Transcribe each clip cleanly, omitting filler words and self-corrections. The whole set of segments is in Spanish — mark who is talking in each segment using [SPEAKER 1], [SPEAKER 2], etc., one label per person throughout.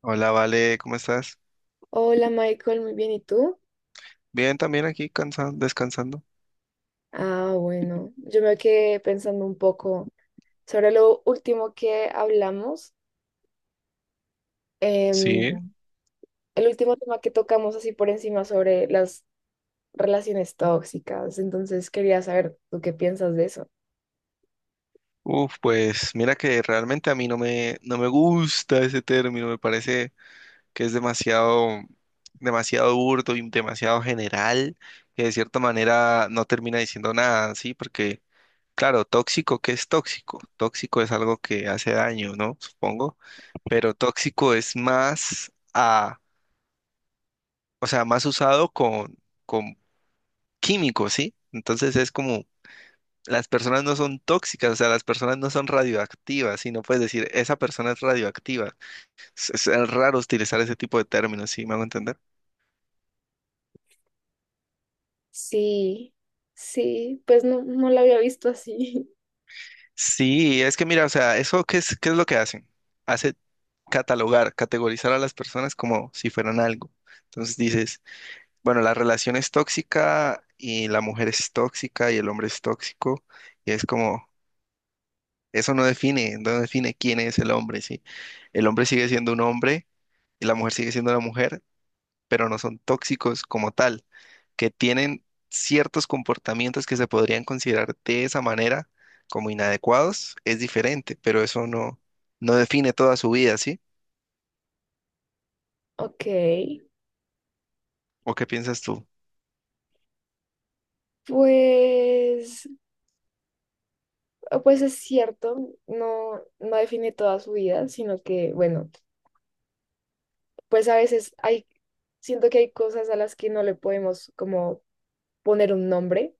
[SPEAKER 1] Hola, Vale, ¿cómo estás?
[SPEAKER 2] Hola Michael, muy bien, ¿y tú?
[SPEAKER 1] Bien, también aquí cansado, descansando.
[SPEAKER 2] Ah, bueno, yo me quedé pensando un poco sobre lo último que hablamos, em,
[SPEAKER 1] Sí.
[SPEAKER 2] el último tema que tocamos así por encima sobre las relaciones tóxicas, entonces quería saber tú qué piensas de eso.
[SPEAKER 1] Uf, pues mira que realmente a mí no me gusta ese término, me parece que es demasiado, demasiado burdo y demasiado general, que de cierta manera no termina diciendo nada, ¿sí? Porque, claro, tóxico, ¿qué es tóxico? Tóxico es algo que hace daño, ¿no? Supongo, pero tóxico es más a, o sea, más usado con químicos, ¿sí? Entonces es como las personas no son tóxicas, o sea, las personas no son radioactivas, y no puedes decir, esa persona es radioactiva. Es raro utilizar ese tipo de términos, ¿sí me hago entender?
[SPEAKER 2] Sí, sí, pues no lo había visto así.
[SPEAKER 1] Sí, es que mira, o sea, eso qué es, ¿qué es lo que hacen? Hace catalogar, categorizar a las personas como si fueran algo. Entonces dices, bueno, la relación es tóxica y la mujer es tóxica y el hombre es tóxico, y es como, eso no define, no define quién es el hombre, ¿sí? El hombre sigue siendo un hombre y la mujer sigue siendo una mujer pero no son tóxicos como tal, que tienen ciertos comportamientos que se podrían considerar de esa manera como inadecuados, es diferente, pero eso no, no define toda su vida, ¿sí?
[SPEAKER 2] Ok,
[SPEAKER 1] ¿O qué piensas tú?
[SPEAKER 2] pues, pues es cierto, no define toda su vida, sino que, bueno. Pues a veces siento que hay cosas a las que no le podemos como poner un nombre,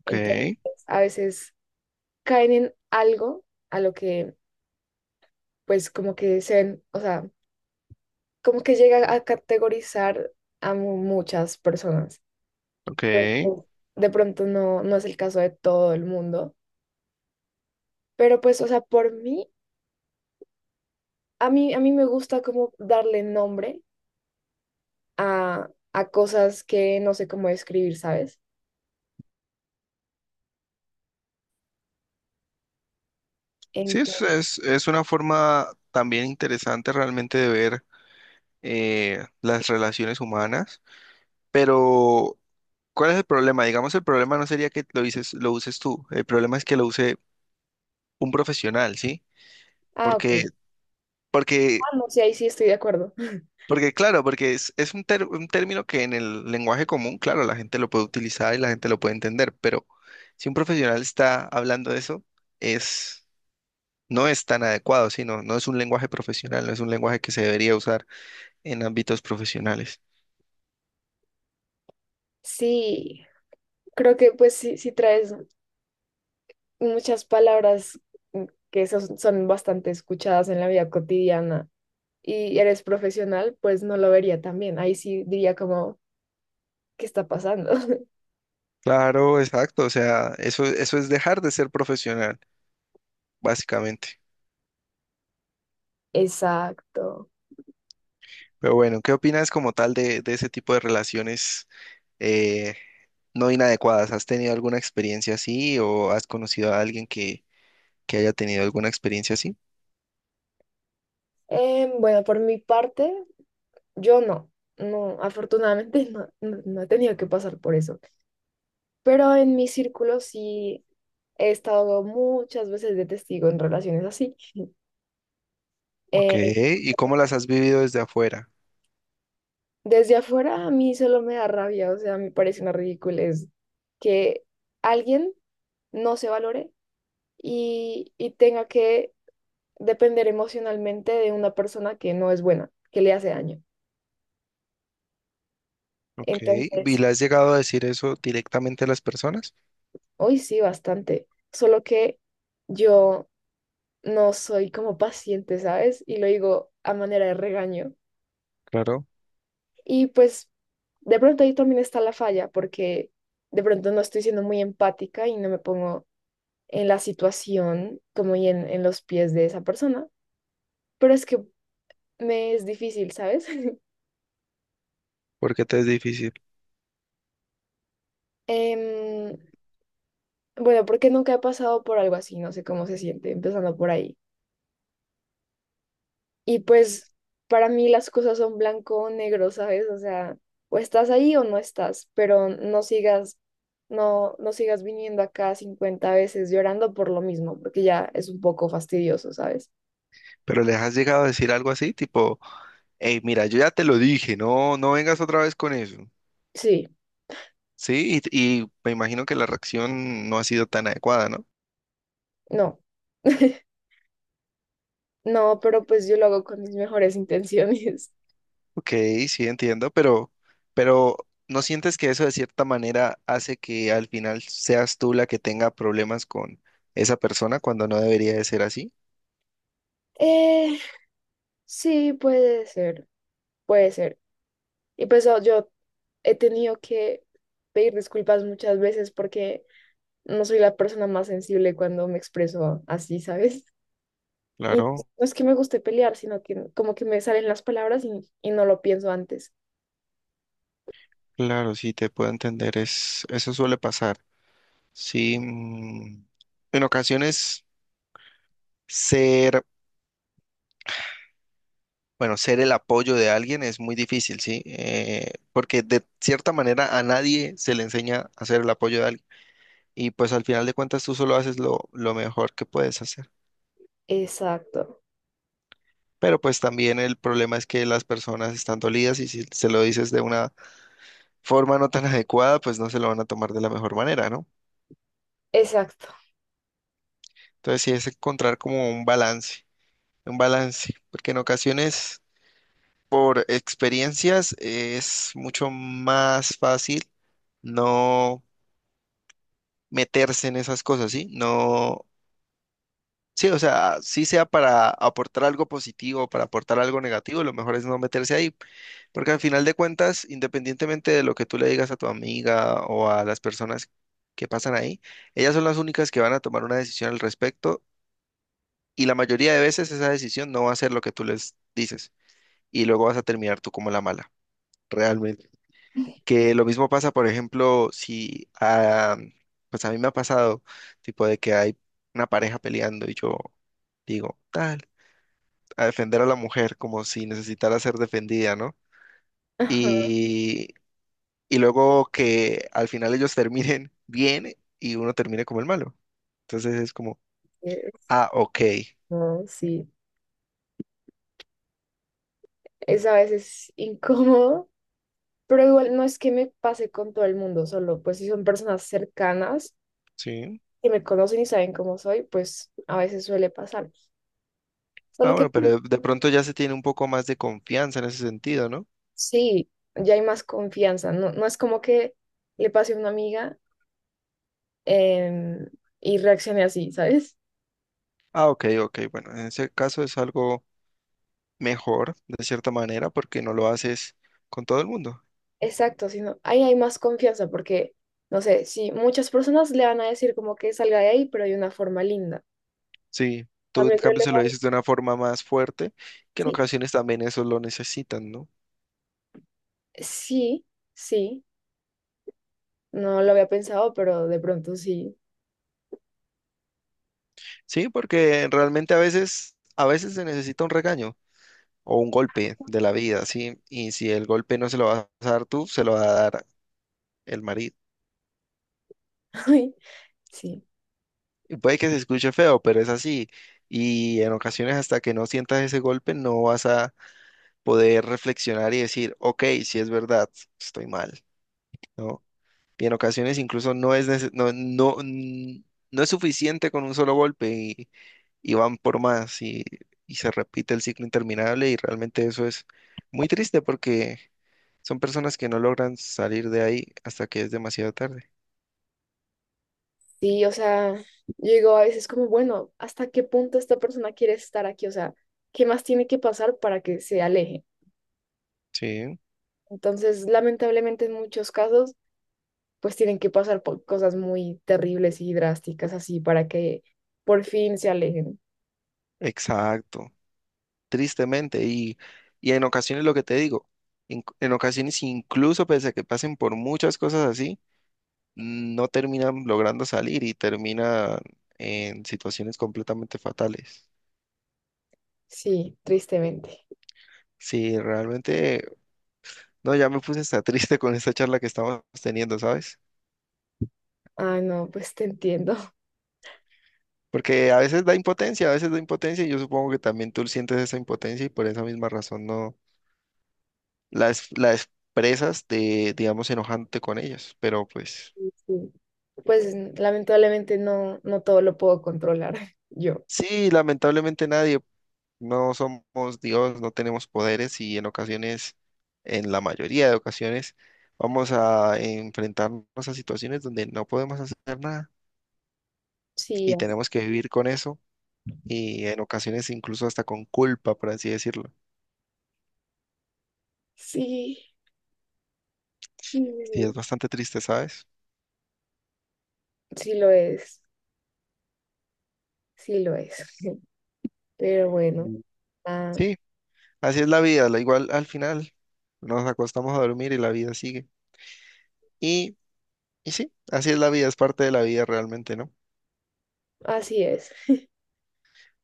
[SPEAKER 1] Ok,
[SPEAKER 2] entonces a veces caen en algo a lo que pues como que se ven, o sea, como que llega a categorizar a muchas personas.
[SPEAKER 1] ok.
[SPEAKER 2] Ojo, de pronto no es el caso de todo el mundo, pero pues, o sea, por mí, a mí me gusta como darle nombre a cosas que no sé cómo describir, ¿sabes?
[SPEAKER 1] Sí,
[SPEAKER 2] Entonces,
[SPEAKER 1] es una forma también interesante realmente de ver las relaciones humanas, pero ¿cuál es el problema? Digamos, el problema no sería que lo dices, lo uses tú, el problema es que lo use un profesional, ¿sí?
[SPEAKER 2] ah,
[SPEAKER 1] Porque,
[SPEAKER 2] ok.
[SPEAKER 1] porque
[SPEAKER 2] Ah, no, sí, ahí sí estoy de acuerdo.
[SPEAKER 1] porque claro, porque un término que en el lenguaje común, claro, la gente lo puede utilizar y la gente lo puede entender, pero si un profesional está hablando de eso, es, no es tan adecuado, sino no es un lenguaje profesional, no es un lenguaje que se debería usar en ámbitos profesionales.
[SPEAKER 2] Sí, creo que pues sí, sí traes muchas palabras mm, que son, son bastante escuchadas en la vida cotidiana y eres profesional, pues no lo vería tan bien. Ahí sí diría como, ¿qué está pasando?
[SPEAKER 1] Claro, exacto, o sea, eso es dejar de ser profesional, básicamente.
[SPEAKER 2] Exacto.
[SPEAKER 1] Pero bueno, ¿qué opinas como tal de ese tipo de relaciones eh, no inadecuadas? ¿Has tenido alguna experiencia así o has conocido a alguien que haya tenido alguna experiencia así?
[SPEAKER 2] Bueno, por mi parte, yo no. No, afortunadamente no he tenido que pasar por eso. Pero en mi círculo sí he estado muchas veces de testigo en relaciones así.
[SPEAKER 1] Ok,
[SPEAKER 2] Eh,
[SPEAKER 1] ¿y cómo las has vivido desde afuera?
[SPEAKER 2] desde afuera a mí solo me da rabia, o sea, me parece una ridiculez que alguien no se valore y tenga que depender emocionalmente de una persona que no es buena, que le hace daño.
[SPEAKER 1] Ok, ¿y
[SPEAKER 2] Entonces,
[SPEAKER 1] le has llegado a decir eso directamente a las personas?
[SPEAKER 2] hoy sí, bastante, solo que yo no soy como paciente, ¿sabes? Y lo digo a manera de regaño.
[SPEAKER 1] Claro,
[SPEAKER 2] Y pues, de pronto ahí también está la falla, porque de pronto no estoy siendo muy empática y no me pongo en la situación como en los pies de esa persona, pero es que me es difícil, ¿sabes?
[SPEAKER 1] porque te es difícil.
[SPEAKER 2] Em, bueno, porque nunca he pasado por algo así, no sé cómo se siente, empezando por ahí. Y pues para mí las cosas son blanco o negro, ¿sabes? O sea, o estás ahí o no estás, pero no sigas, no sigas viniendo acá 50 veces llorando por lo mismo, porque ya es un poco fastidioso, ¿sabes?
[SPEAKER 1] Pero les has llegado a decir algo así, tipo, hey, mira, yo ya te lo dije, no vengas otra vez con eso.
[SPEAKER 2] Sí,
[SPEAKER 1] Sí, y me imagino que la reacción no ha sido tan adecuada, ¿no?
[SPEAKER 2] no. No, pero pues yo lo hago con mis mejores intenciones.
[SPEAKER 1] Ok, sí, entiendo, pero ¿no sientes que eso de cierta manera hace que al final seas tú la que tenga problemas con esa persona cuando no debería de ser así?
[SPEAKER 2] Eh, sí, puede ser. Y pues oh, yo he tenido que pedir disculpas muchas veces porque no soy la persona más sensible cuando me expreso así, ¿sabes? Y no
[SPEAKER 1] Claro,
[SPEAKER 2] es que me guste pelear, sino que como que me salen las palabras y no lo pienso antes.
[SPEAKER 1] claro, sí, te puedo entender, es, eso suele pasar. Sí, en ocasiones ser, bueno, ser el apoyo de alguien es muy difícil, sí, porque de cierta manera a nadie se le enseña a ser el apoyo de alguien y pues al final de cuentas tú solo haces lo mejor que puedes hacer.
[SPEAKER 2] Exacto,
[SPEAKER 1] Pero pues también el problema es que las personas están dolidas y si se lo dices de una forma no tan adecuada, pues no se lo van a tomar de la mejor manera, ¿no?
[SPEAKER 2] exacto.
[SPEAKER 1] Entonces sí es encontrar como un balance. Un balance, porque en ocasiones por experiencias es mucho más fácil no meterse en esas cosas, ¿sí? No, sí, o sea, sí sea para aportar algo positivo o para aportar algo negativo, lo mejor es no meterse ahí, porque al final de cuentas, independientemente de lo que tú le digas a tu amiga o a las personas que pasan ahí, ellas son las únicas que van a tomar una decisión al respecto y la mayoría de veces esa decisión no va a ser lo que tú les dices y luego vas a terminar tú como la mala, realmente. Que lo mismo pasa, por ejemplo, si, ah, pues a mí me ha pasado, tipo de que hay una pareja peleando y yo digo, tal, a defender a la mujer como si necesitara ser defendida, ¿no?
[SPEAKER 2] Ajá,
[SPEAKER 1] Y, y luego que al final ellos terminen bien y uno termine como el malo. Entonces es como,
[SPEAKER 2] es-
[SPEAKER 1] ah, ok,
[SPEAKER 2] no, sí, es a veces incómodo, pero igual no es que me pase con todo el mundo, solo pues si son personas cercanas
[SPEAKER 1] sí.
[SPEAKER 2] que me conocen y saben cómo soy, pues a veces suele pasar.
[SPEAKER 1] Ah,
[SPEAKER 2] Solo que
[SPEAKER 1] bueno, pero de pronto ya se tiene un poco más de confianza en ese sentido, ¿no?
[SPEAKER 2] sí, ya hay más confianza. No, no es como que le pase a una amiga em, y reaccione así, ¿sabes?
[SPEAKER 1] Ah, ok, ok, bueno, en ese caso es algo mejor, de cierta manera, porque no lo haces con todo el mundo.
[SPEAKER 2] Exacto, sino ahí hay más confianza porque, no sé, si muchas personas le van a decir como que salga de ahí, pero de una forma linda.
[SPEAKER 1] Sí, tú en
[SPEAKER 2] También yo
[SPEAKER 1] cambio
[SPEAKER 2] le
[SPEAKER 1] se lo
[SPEAKER 2] digo,
[SPEAKER 1] dices de una forma más fuerte, que en
[SPEAKER 2] sí,
[SPEAKER 1] ocasiones también eso lo necesitan, ¿no?
[SPEAKER 2] sí, sí, no lo había pensado, pero de pronto sí.
[SPEAKER 1] Sí, porque realmente a veces se necesita un regaño o un golpe de la vida, ¿sí? Y si el golpe no se lo vas a dar tú, se lo va a dar el marido.
[SPEAKER 2] Ay, sí.
[SPEAKER 1] Y puede que se escuche feo, pero es así. Y en ocasiones hasta que no sientas ese golpe, no vas a poder reflexionar y decir, ok, si es verdad, estoy mal, ¿no? Y en ocasiones incluso no es, nece- no, no, mm, no es suficiente con un solo golpe y van por más y se repite el ciclo interminable y realmente eso es muy triste porque son personas que no logran salir de ahí hasta que es demasiado tarde.
[SPEAKER 2] Sí, o sea, yo digo a veces como, bueno, ¿hasta qué punto esta persona quiere estar aquí? O sea, ¿qué más tiene que pasar para que se aleje?
[SPEAKER 1] Sí,
[SPEAKER 2] Entonces, lamentablemente en muchos casos, pues tienen que pasar por cosas muy terribles y drásticas así para que por fin se alejen.
[SPEAKER 1] exacto, tristemente y, y en ocasiones lo que te digo, en ocasiones incluso pese a que pasen por muchas cosas así, no terminan logrando salir y terminan en situaciones completamente fatales.
[SPEAKER 2] Sí, tristemente.
[SPEAKER 1] Sí, realmente, no, ya me puse hasta triste con esta charla que estamos teniendo, ¿sabes?
[SPEAKER 2] Ah, no, pues te entiendo.
[SPEAKER 1] Porque a veces da impotencia, a veces da impotencia y yo supongo que también tú sientes esa impotencia y por esa misma razón no la, es- la expresas de, digamos, enojándote con ellos. Pero pues
[SPEAKER 2] Sí, sí. Pues lamentablemente no, no todo lo puedo controlar yo.
[SPEAKER 1] sí, lamentablemente nadie, no somos Dios, no tenemos poderes y en ocasiones, en la mayoría de ocasiones, vamos a enfrentarnos a situaciones donde no podemos hacer nada
[SPEAKER 2] Sí,
[SPEAKER 1] y tenemos que vivir con eso y en ocasiones incluso hasta con culpa, por así decirlo.
[SPEAKER 2] sí, sí,
[SPEAKER 1] Sí es
[SPEAKER 2] sí
[SPEAKER 1] bastante triste, ¿sabes?
[SPEAKER 2] sí lo es, sí lo es. Pero bueno,
[SPEAKER 1] Mm.
[SPEAKER 2] ah,
[SPEAKER 1] Sí, así es la vida, la igual al final nos acostamos a dormir y la vida sigue. Y, y sí, así es la vida, es parte de la vida realmente, ¿no?
[SPEAKER 2] así es.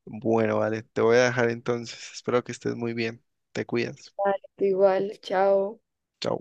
[SPEAKER 1] Bueno, vale, te voy a dejar entonces. Espero que estés muy bien. Te cuidas.
[SPEAKER 2] Vale, tú igual, chao.
[SPEAKER 1] Chao.